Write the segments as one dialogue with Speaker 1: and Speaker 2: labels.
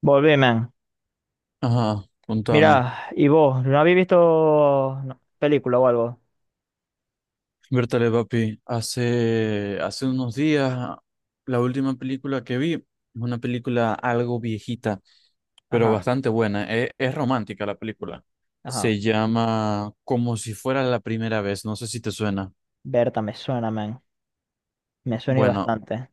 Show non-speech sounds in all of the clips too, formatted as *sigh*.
Speaker 1: Volvé, man.
Speaker 2: Ajá, contame.
Speaker 1: Mirá, ¿y vos? ¿No habéis visto no, película o algo?
Speaker 2: Bertale, papi, hace unos días, la última película que vi es una película algo viejita, pero
Speaker 1: Ajá,
Speaker 2: bastante buena. Es romántica la película.
Speaker 1: ajá.
Speaker 2: Se llama Como si fuera la primera vez. No sé si te suena.
Speaker 1: Berta, me suena, man. Me suena y
Speaker 2: Bueno,
Speaker 1: bastante.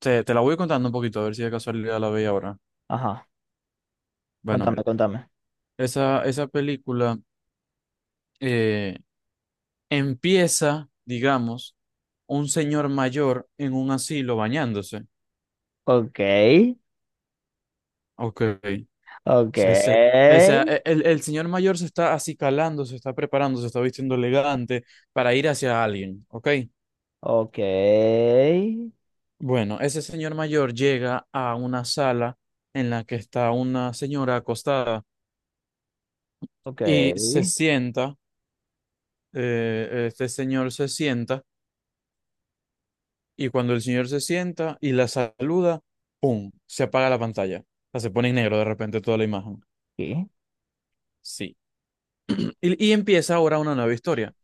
Speaker 2: te la voy contando un poquito, a ver si de casualidad la veis ahora.
Speaker 1: Ajá,
Speaker 2: Bueno,
Speaker 1: contame,
Speaker 2: mira,
Speaker 1: contame.
Speaker 2: esa película eh, empieza, digamos, un señor mayor en un asilo bañándose.
Speaker 1: Ok,
Speaker 2: Ok.
Speaker 1: ok,
Speaker 2: Se- se- o sea, el señor mayor se está acicalando, se está preparando, se está vistiendo elegante para ir hacia alguien, ¿ok?
Speaker 1: ok,
Speaker 2: Bueno, ese señor mayor llega a una sala en la que está una señora acostada y se
Speaker 1: ok.
Speaker 2: sienta. Este señor se sienta, y cuando el señor se sienta y la saluda, ¡pum! Se apaga la pantalla. O sea, se pone en negro de repente toda la imagen.
Speaker 1: Sí.
Speaker 2: Sí. Y empieza ahora una nueva historia.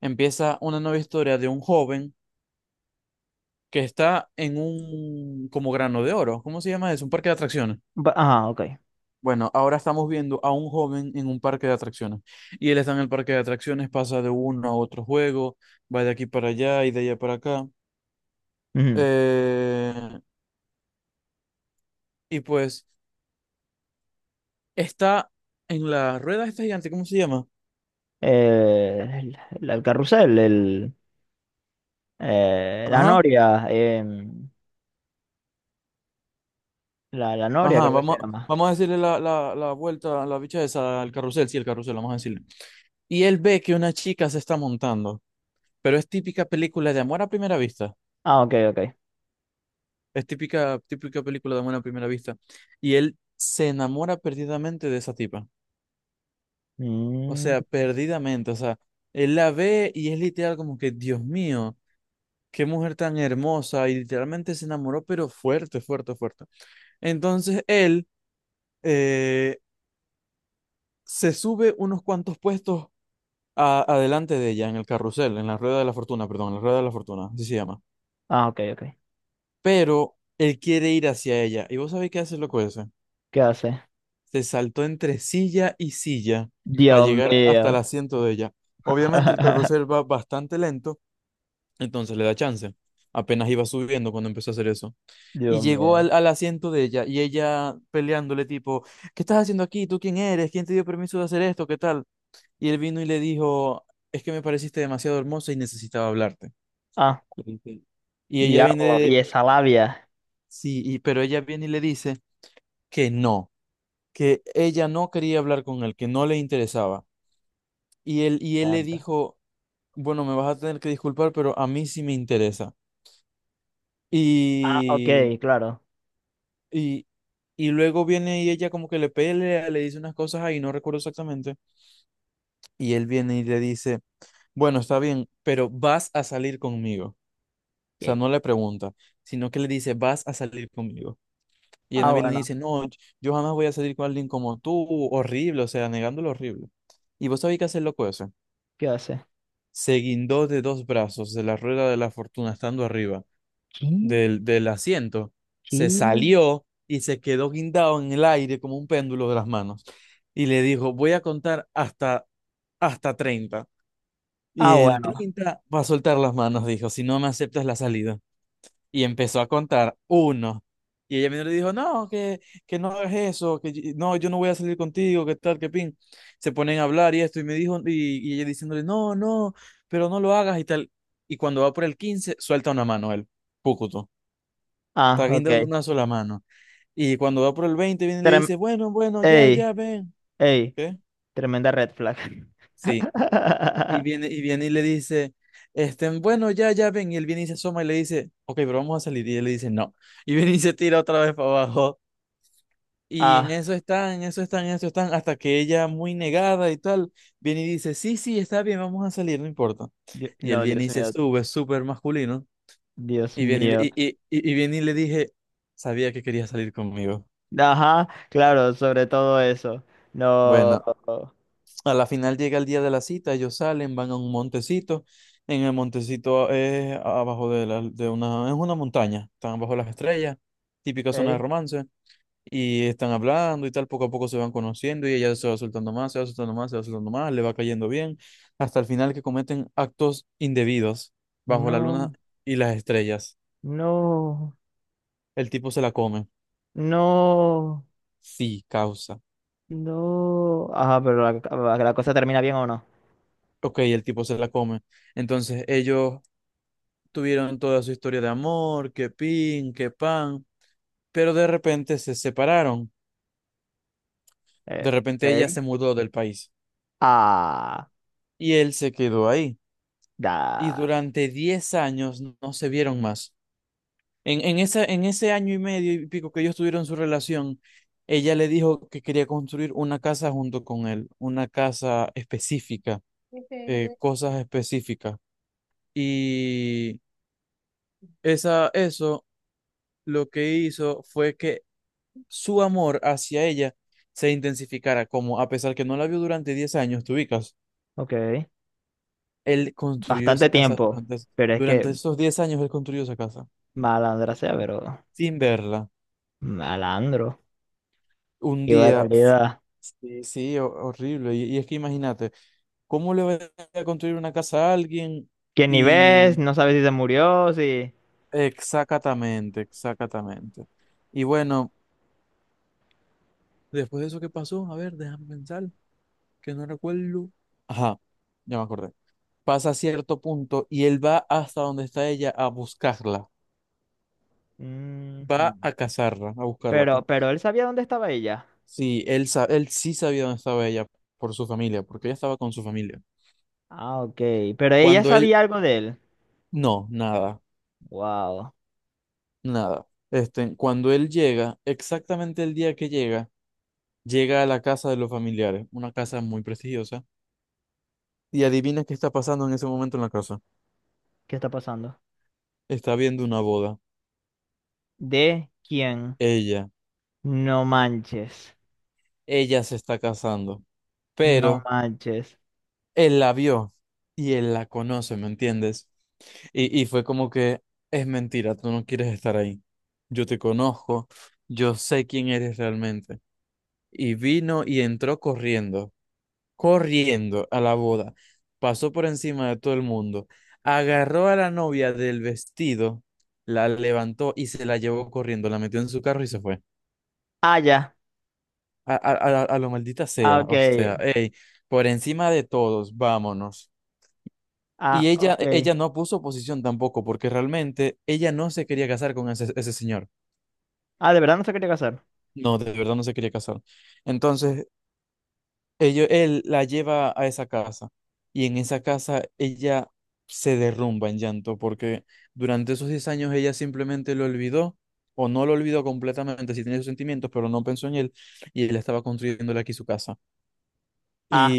Speaker 2: Empieza una nueva historia de un joven que está en un como grano de oro. ¿Cómo se llama eso? Un parque de atracciones.
Speaker 1: Ba- Ajá, ok.
Speaker 2: Bueno, ahora estamos viendo a un joven en un parque de atracciones. Y él está en el parque de atracciones, pasa de uno a otro juego, va de aquí para allá y de allá para acá.
Speaker 1: Ujú.
Speaker 2: Eh, y pues está en la rueda esta gigante, ¿cómo se llama?
Speaker 1: El, el carrusel, el, la
Speaker 2: Ajá,
Speaker 1: noria, la, la noria
Speaker 2: ajá,
Speaker 1: creo que se
Speaker 2: vamos,
Speaker 1: llama.
Speaker 2: vamos a decirle la vuelta, la bicha esa, al carrusel, sí, el carrusel, vamos a decirle. Y él ve que una chica se está montando, pero es típica película de amor a primera vista.
Speaker 1: Ah, ok, ok.
Speaker 2: Es típica, típica película de amor a primera vista. Y él se enamora perdidamente de esa tipa. O
Speaker 1: Mm,
Speaker 2: sea, perdidamente. O sea, él la ve y es literal como que, Dios mío, qué mujer tan hermosa. Y literalmente se enamoró, pero fuerte, fuerte, fuerte. Entonces él eh, se sube unos cuantos puestos adelante de ella en el carrusel, en la rueda de la fortuna, perdón, en la rueda de la fortuna, así se llama.
Speaker 1: ah, ok, ok.
Speaker 2: Pero él quiere ir hacia ella. ¿Y vos sabés qué hace el loco ese?
Speaker 1: ¿Qué hace?
Speaker 2: Se saltó entre silla y silla para
Speaker 1: Dios
Speaker 2: llegar hasta el
Speaker 1: mío.
Speaker 2: asiento de ella. Obviamente el carrusel
Speaker 1: *laughs*
Speaker 2: va bastante lento, entonces le da chance. Apenas iba subiendo cuando empezó a hacer eso. Y
Speaker 1: Dios
Speaker 2: llegó
Speaker 1: mío.
Speaker 2: al asiento de ella, y ella peleándole tipo, ¿qué estás haciendo aquí? ¿Tú quién eres? ¿Quién te dio permiso de hacer esto? ¿Qué tal? Y él vino y le dijo, es que me pareciste demasiado hermosa y necesitaba hablarte.
Speaker 1: Ah,
Speaker 2: Y ella
Speaker 1: diablo.
Speaker 2: viene,
Speaker 1: Y esa labia.
Speaker 2: sí, pero ella viene y le dice que no, que ella no quería hablar con él, que no le interesaba. Y él le
Speaker 1: Anda.
Speaker 2: dijo, bueno, me vas a tener que disculpar, pero a mí sí me interesa.
Speaker 1: Ah, ok,
Speaker 2: Y,
Speaker 1: claro.
Speaker 2: y, y luego viene y ella como que le pelea, le dice unas cosas ahí, no recuerdo exactamente. Y él viene y le dice, bueno, está bien, pero vas a salir conmigo. O sea,
Speaker 1: Ok.
Speaker 2: no le pregunta, sino que le dice, vas a salir conmigo. Y
Speaker 1: Ah,
Speaker 2: Annabelle le
Speaker 1: bueno.
Speaker 2: dice, no, yo jamás voy a salir con alguien como tú, horrible, o sea, negándolo horrible. Y vos sabés qué hace el loco ese.
Speaker 1: ¿Qué hace?
Speaker 2: Se guindó de dos brazos de la rueda de la fortuna estando arriba
Speaker 1: ¿Qué?
Speaker 2: del asiento,
Speaker 1: ¿Qué?
Speaker 2: se salió y se quedó guindado en el aire como un péndulo de las manos. Y le dijo, voy a contar hasta 30. Y
Speaker 1: Ah,
Speaker 2: en
Speaker 1: bueno.
Speaker 2: 30 va a soltar las manos, dijo, si no me aceptas la salida. Y empezó a contar uno. Y ella mismo le dijo, no, que no hagas eso, que no, yo no voy a salir contigo, que tal, que pin. Se ponen a hablar y esto, y me dijo, y ella diciéndole, no, no, pero no lo hagas y tal. Y cuando va por el 15 suelta una mano él, púcuto.
Speaker 1: Ah,
Speaker 2: Está guindado de
Speaker 1: ok.
Speaker 2: una sola mano. Y cuando va por el 20 viene y le
Speaker 1: Trem-
Speaker 2: dice, bueno, bueno, ya,
Speaker 1: ey,
Speaker 2: ya, ven.
Speaker 1: ey.
Speaker 2: ¿Qué?
Speaker 1: Tremenda red flag.
Speaker 2: Sí. Y
Speaker 1: *laughs*
Speaker 2: viene, y viene y le dice, este, bueno, ya, ya, ven. Y él viene y se asoma y le dice, ok, pero vamos a salir. Y él le dice, no. Y viene y se tira otra vez para abajo. Y en
Speaker 1: Ah,
Speaker 2: eso están, en eso están, en eso están, hasta que ella, muy negada y tal, viene y dice, sí, sí, está bien, vamos a salir, no importa.
Speaker 1: Dios-
Speaker 2: Y él
Speaker 1: no,
Speaker 2: viene
Speaker 1: Dios
Speaker 2: y se
Speaker 1: mío.
Speaker 2: sube, súper masculino.
Speaker 1: Dios
Speaker 2: Y viene y, le-
Speaker 1: mío.
Speaker 2: y, y, y y viene y le dije, sabía que quería salir conmigo.
Speaker 1: Ajá, claro, sobre todo eso. No.
Speaker 2: Bueno, a la final llega el día de la cita, ellos salen, van a un montecito. En el montecito es abajo de, la, de una, es una montaña, están bajo las estrellas, típica zona de
Speaker 1: Ok.
Speaker 2: romance, y están hablando y tal, poco a poco se van conociendo y ella se va soltando más, se va soltando más, se va soltando más, le va cayendo bien, hasta el final que cometen actos indebidos bajo la luna
Speaker 1: No.
Speaker 2: y las estrellas.
Speaker 1: No.
Speaker 2: El tipo se la come,
Speaker 1: No.
Speaker 2: sí, causa.
Speaker 1: No. Ajá, pero la cosa termina bien o no.
Speaker 2: Ok, el tipo se la come. Entonces ellos tuvieron toda su historia de amor, que pin, que pan, pero de repente se separaron.
Speaker 1: Eh,
Speaker 2: De repente ella
Speaker 1: ok.
Speaker 2: se mudó del país
Speaker 1: Ah,
Speaker 2: y él se quedó ahí. Y
Speaker 1: da.
Speaker 2: durante 10 años no se vieron más. En ese año y medio y pico que ellos tuvieron su relación, ella le dijo que quería construir una casa junto con él, una casa específica, cosas específicas. Y eso lo que hizo fue que su amor hacia ella se intensificara, como a pesar que no la vio durante 10 años, te ubicas,
Speaker 1: Ok.
Speaker 2: él construyó
Speaker 1: Bastante
Speaker 2: esa casa
Speaker 1: tiempo. Pero es que
Speaker 2: durante esos 10 años, él construyó esa casa
Speaker 1: malandra sea, pero
Speaker 2: sin verla.
Speaker 1: malandro.
Speaker 2: Un
Speaker 1: Qué
Speaker 2: día,
Speaker 1: barbaridad.
Speaker 2: sí, sí, horrible. Y es que imagínate, ¿cómo le va a construir una casa a alguien?
Speaker 1: Que ni ves,
Speaker 2: Y
Speaker 1: no sabes si se murió, si.
Speaker 2: exactamente, exactamente. Y bueno, después de eso que pasó, a ver, déjame pensar, que no recuerdo. Ajá, ya me acordé. Pasa a cierto punto y él va hasta donde está ella a buscarla, va
Speaker 1: Ujú.
Speaker 2: a cazarla, a buscarla, pues.
Speaker 1: Pero él sabía dónde estaba ella.
Speaker 2: Sí, él sí sabía dónde estaba ella por su familia, porque ella estaba con su familia.
Speaker 1: Ah, ok. Pero ella
Speaker 2: Cuando él,
Speaker 1: sabía algo de él.
Speaker 2: no, nada,
Speaker 1: Wow.
Speaker 2: nada. Este, cuando él llega, exactamente el día que llega, llega a la casa de los familiares, una casa muy prestigiosa, y adivina qué está pasando en ese momento en la casa.
Speaker 1: ¿Qué está pasando?
Speaker 2: Está viendo una boda,
Speaker 1: ¿De quién?
Speaker 2: ella,
Speaker 1: No manches.
Speaker 2: ella se está casando,
Speaker 1: No
Speaker 2: pero
Speaker 1: manches.
Speaker 2: él la vio y él la conoce, ¿me entiendes? Y fue como que es mentira, tú no quieres estar ahí. Yo te conozco, yo sé quién eres realmente. Y vino y entró corriendo, corriendo a la boda. Pasó por encima de todo el mundo, agarró a la novia del vestido, la levantó y se la llevó corriendo, la metió en su carro y se fue.
Speaker 1: Ah, ya.
Speaker 2: A, a, a lo maldita
Speaker 1: Ah,
Speaker 2: sea,
Speaker 1: ok.
Speaker 2: o sea, hey, por encima de todos, vámonos. Y
Speaker 1: Ah,
Speaker 2: ella, e,
Speaker 1: ok.
Speaker 2: ella no puso oposición tampoco, porque realmente ella no se quería casar con ese señor.
Speaker 1: Ah, de verdad no se quería casar.
Speaker 2: No, de verdad no se quería casar. Entonces, él la lleva a esa casa, y en esa casa ella se derrumba en llanto, porque durante esos 10 años ella simplemente lo olvidó, o no lo olvidó completamente, sí tenía sus sentimientos, pero no pensó en él, y él estaba construyéndole aquí su casa.
Speaker 1: Ah,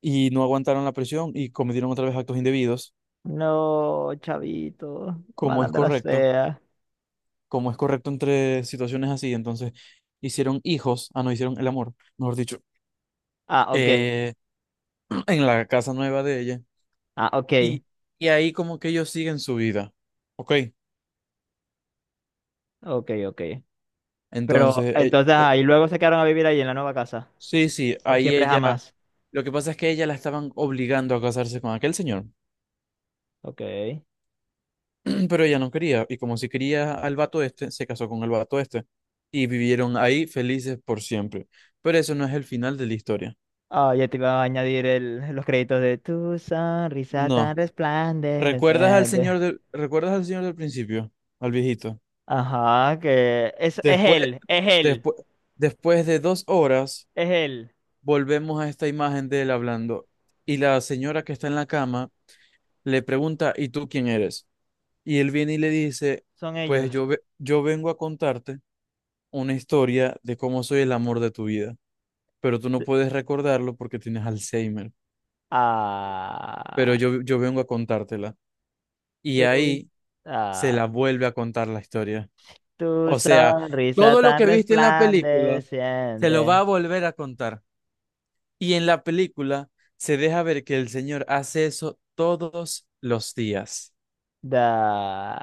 Speaker 2: Y no aguantaron la presión y cometieron otra vez actos indebidos,
Speaker 1: no, chavito.
Speaker 2: como es
Speaker 1: Malandra
Speaker 2: correcto,
Speaker 1: sea.
Speaker 2: entre situaciones así. Entonces, hicieron hijos, ah, no, hicieron el amor, mejor dicho,
Speaker 1: Ah, ok.
Speaker 2: eh, *clears throat* en la casa nueva de ella.
Speaker 1: Ah, ok.
Speaker 2: Y, y ahí como que ellos siguen su vida, ¿ok?
Speaker 1: Ok, ok. Pero
Speaker 2: Entonces,
Speaker 1: entonces ahí luego se quedaron a vivir ahí en la nueva casa.
Speaker 2: sí, sí,
Speaker 1: Por
Speaker 2: ahí
Speaker 1: siempre
Speaker 2: ella,
Speaker 1: jamás.
Speaker 2: lo que pasa es que ella la estaban obligando a casarse con aquel señor,
Speaker 1: Ok.
Speaker 2: *clears throat* pero ella no quería, y como si quería al vato este, se casó con el vato este, y vivieron ahí felices por siempre. Pero eso no es el final de la historia.
Speaker 1: Ah, ya te iba a añadir el, los créditos de tu sonrisa tan
Speaker 2: No.
Speaker 1: resplandeciente.
Speaker 2: Recuerdas al señor del principio? Al viejito.
Speaker 1: Ajá, que es
Speaker 2: Después,
Speaker 1: él, es él,
Speaker 2: después, Después de 2 horas,
Speaker 1: es él.
Speaker 2: volvemos a esta imagen de él hablando. Y la señora que está en la cama le pregunta, ¿y tú quién eres? Y él viene y le dice,
Speaker 1: Son
Speaker 2: pues
Speaker 1: ellos.
Speaker 2: yo vengo a contarte una historia de cómo soy el amor de tu vida, pero tú no puedes recordarlo porque tienes Alzheimer, pero
Speaker 1: Ah,
Speaker 2: yo vengo a contártela. Y
Speaker 1: tú.
Speaker 2: ahí se la
Speaker 1: Ah.
Speaker 2: vuelve a contar la historia.
Speaker 1: Tu
Speaker 2: O sea,
Speaker 1: sonrisa
Speaker 2: todo lo
Speaker 1: tan
Speaker 2: que viste en la película se lo va
Speaker 1: resplandeciente.
Speaker 2: a volver a contar. Y en la película se deja ver que el señor hace eso todos los días
Speaker 1: Da,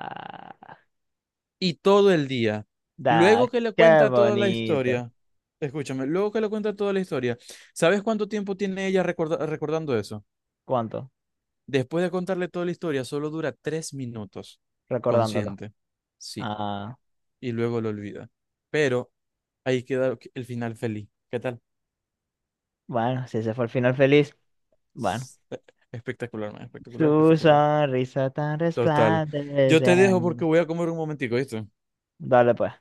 Speaker 2: y todo el día.
Speaker 1: da,
Speaker 2: Luego que le
Speaker 1: qué
Speaker 2: cuenta toda la
Speaker 1: bonito.
Speaker 2: historia, escúchame, luego que le cuenta toda la historia, ¿sabes cuánto tiempo tiene ella recordando eso?
Speaker 1: ¿Cuánto?
Speaker 2: Después de contarle toda la historia, solo dura 3 minutos,
Speaker 1: Recordándolo.
Speaker 2: consciente. Sí,
Speaker 1: Ah,
Speaker 2: y luego lo olvida. Pero ahí queda el final feliz. ¿Qué tal?
Speaker 1: bueno, si ese fue el final feliz, bueno.
Speaker 2: Espectacular, man,
Speaker 1: Tu
Speaker 2: espectacular, espectacular.
Speaker 1: sonrisa tan
Speaker 2: Total. Yo te dejo porque
Speaker 1: resplandeciente.
Speaker 2: voy a comer un momentico, ¿viste?
Speaker 1: Dale pues.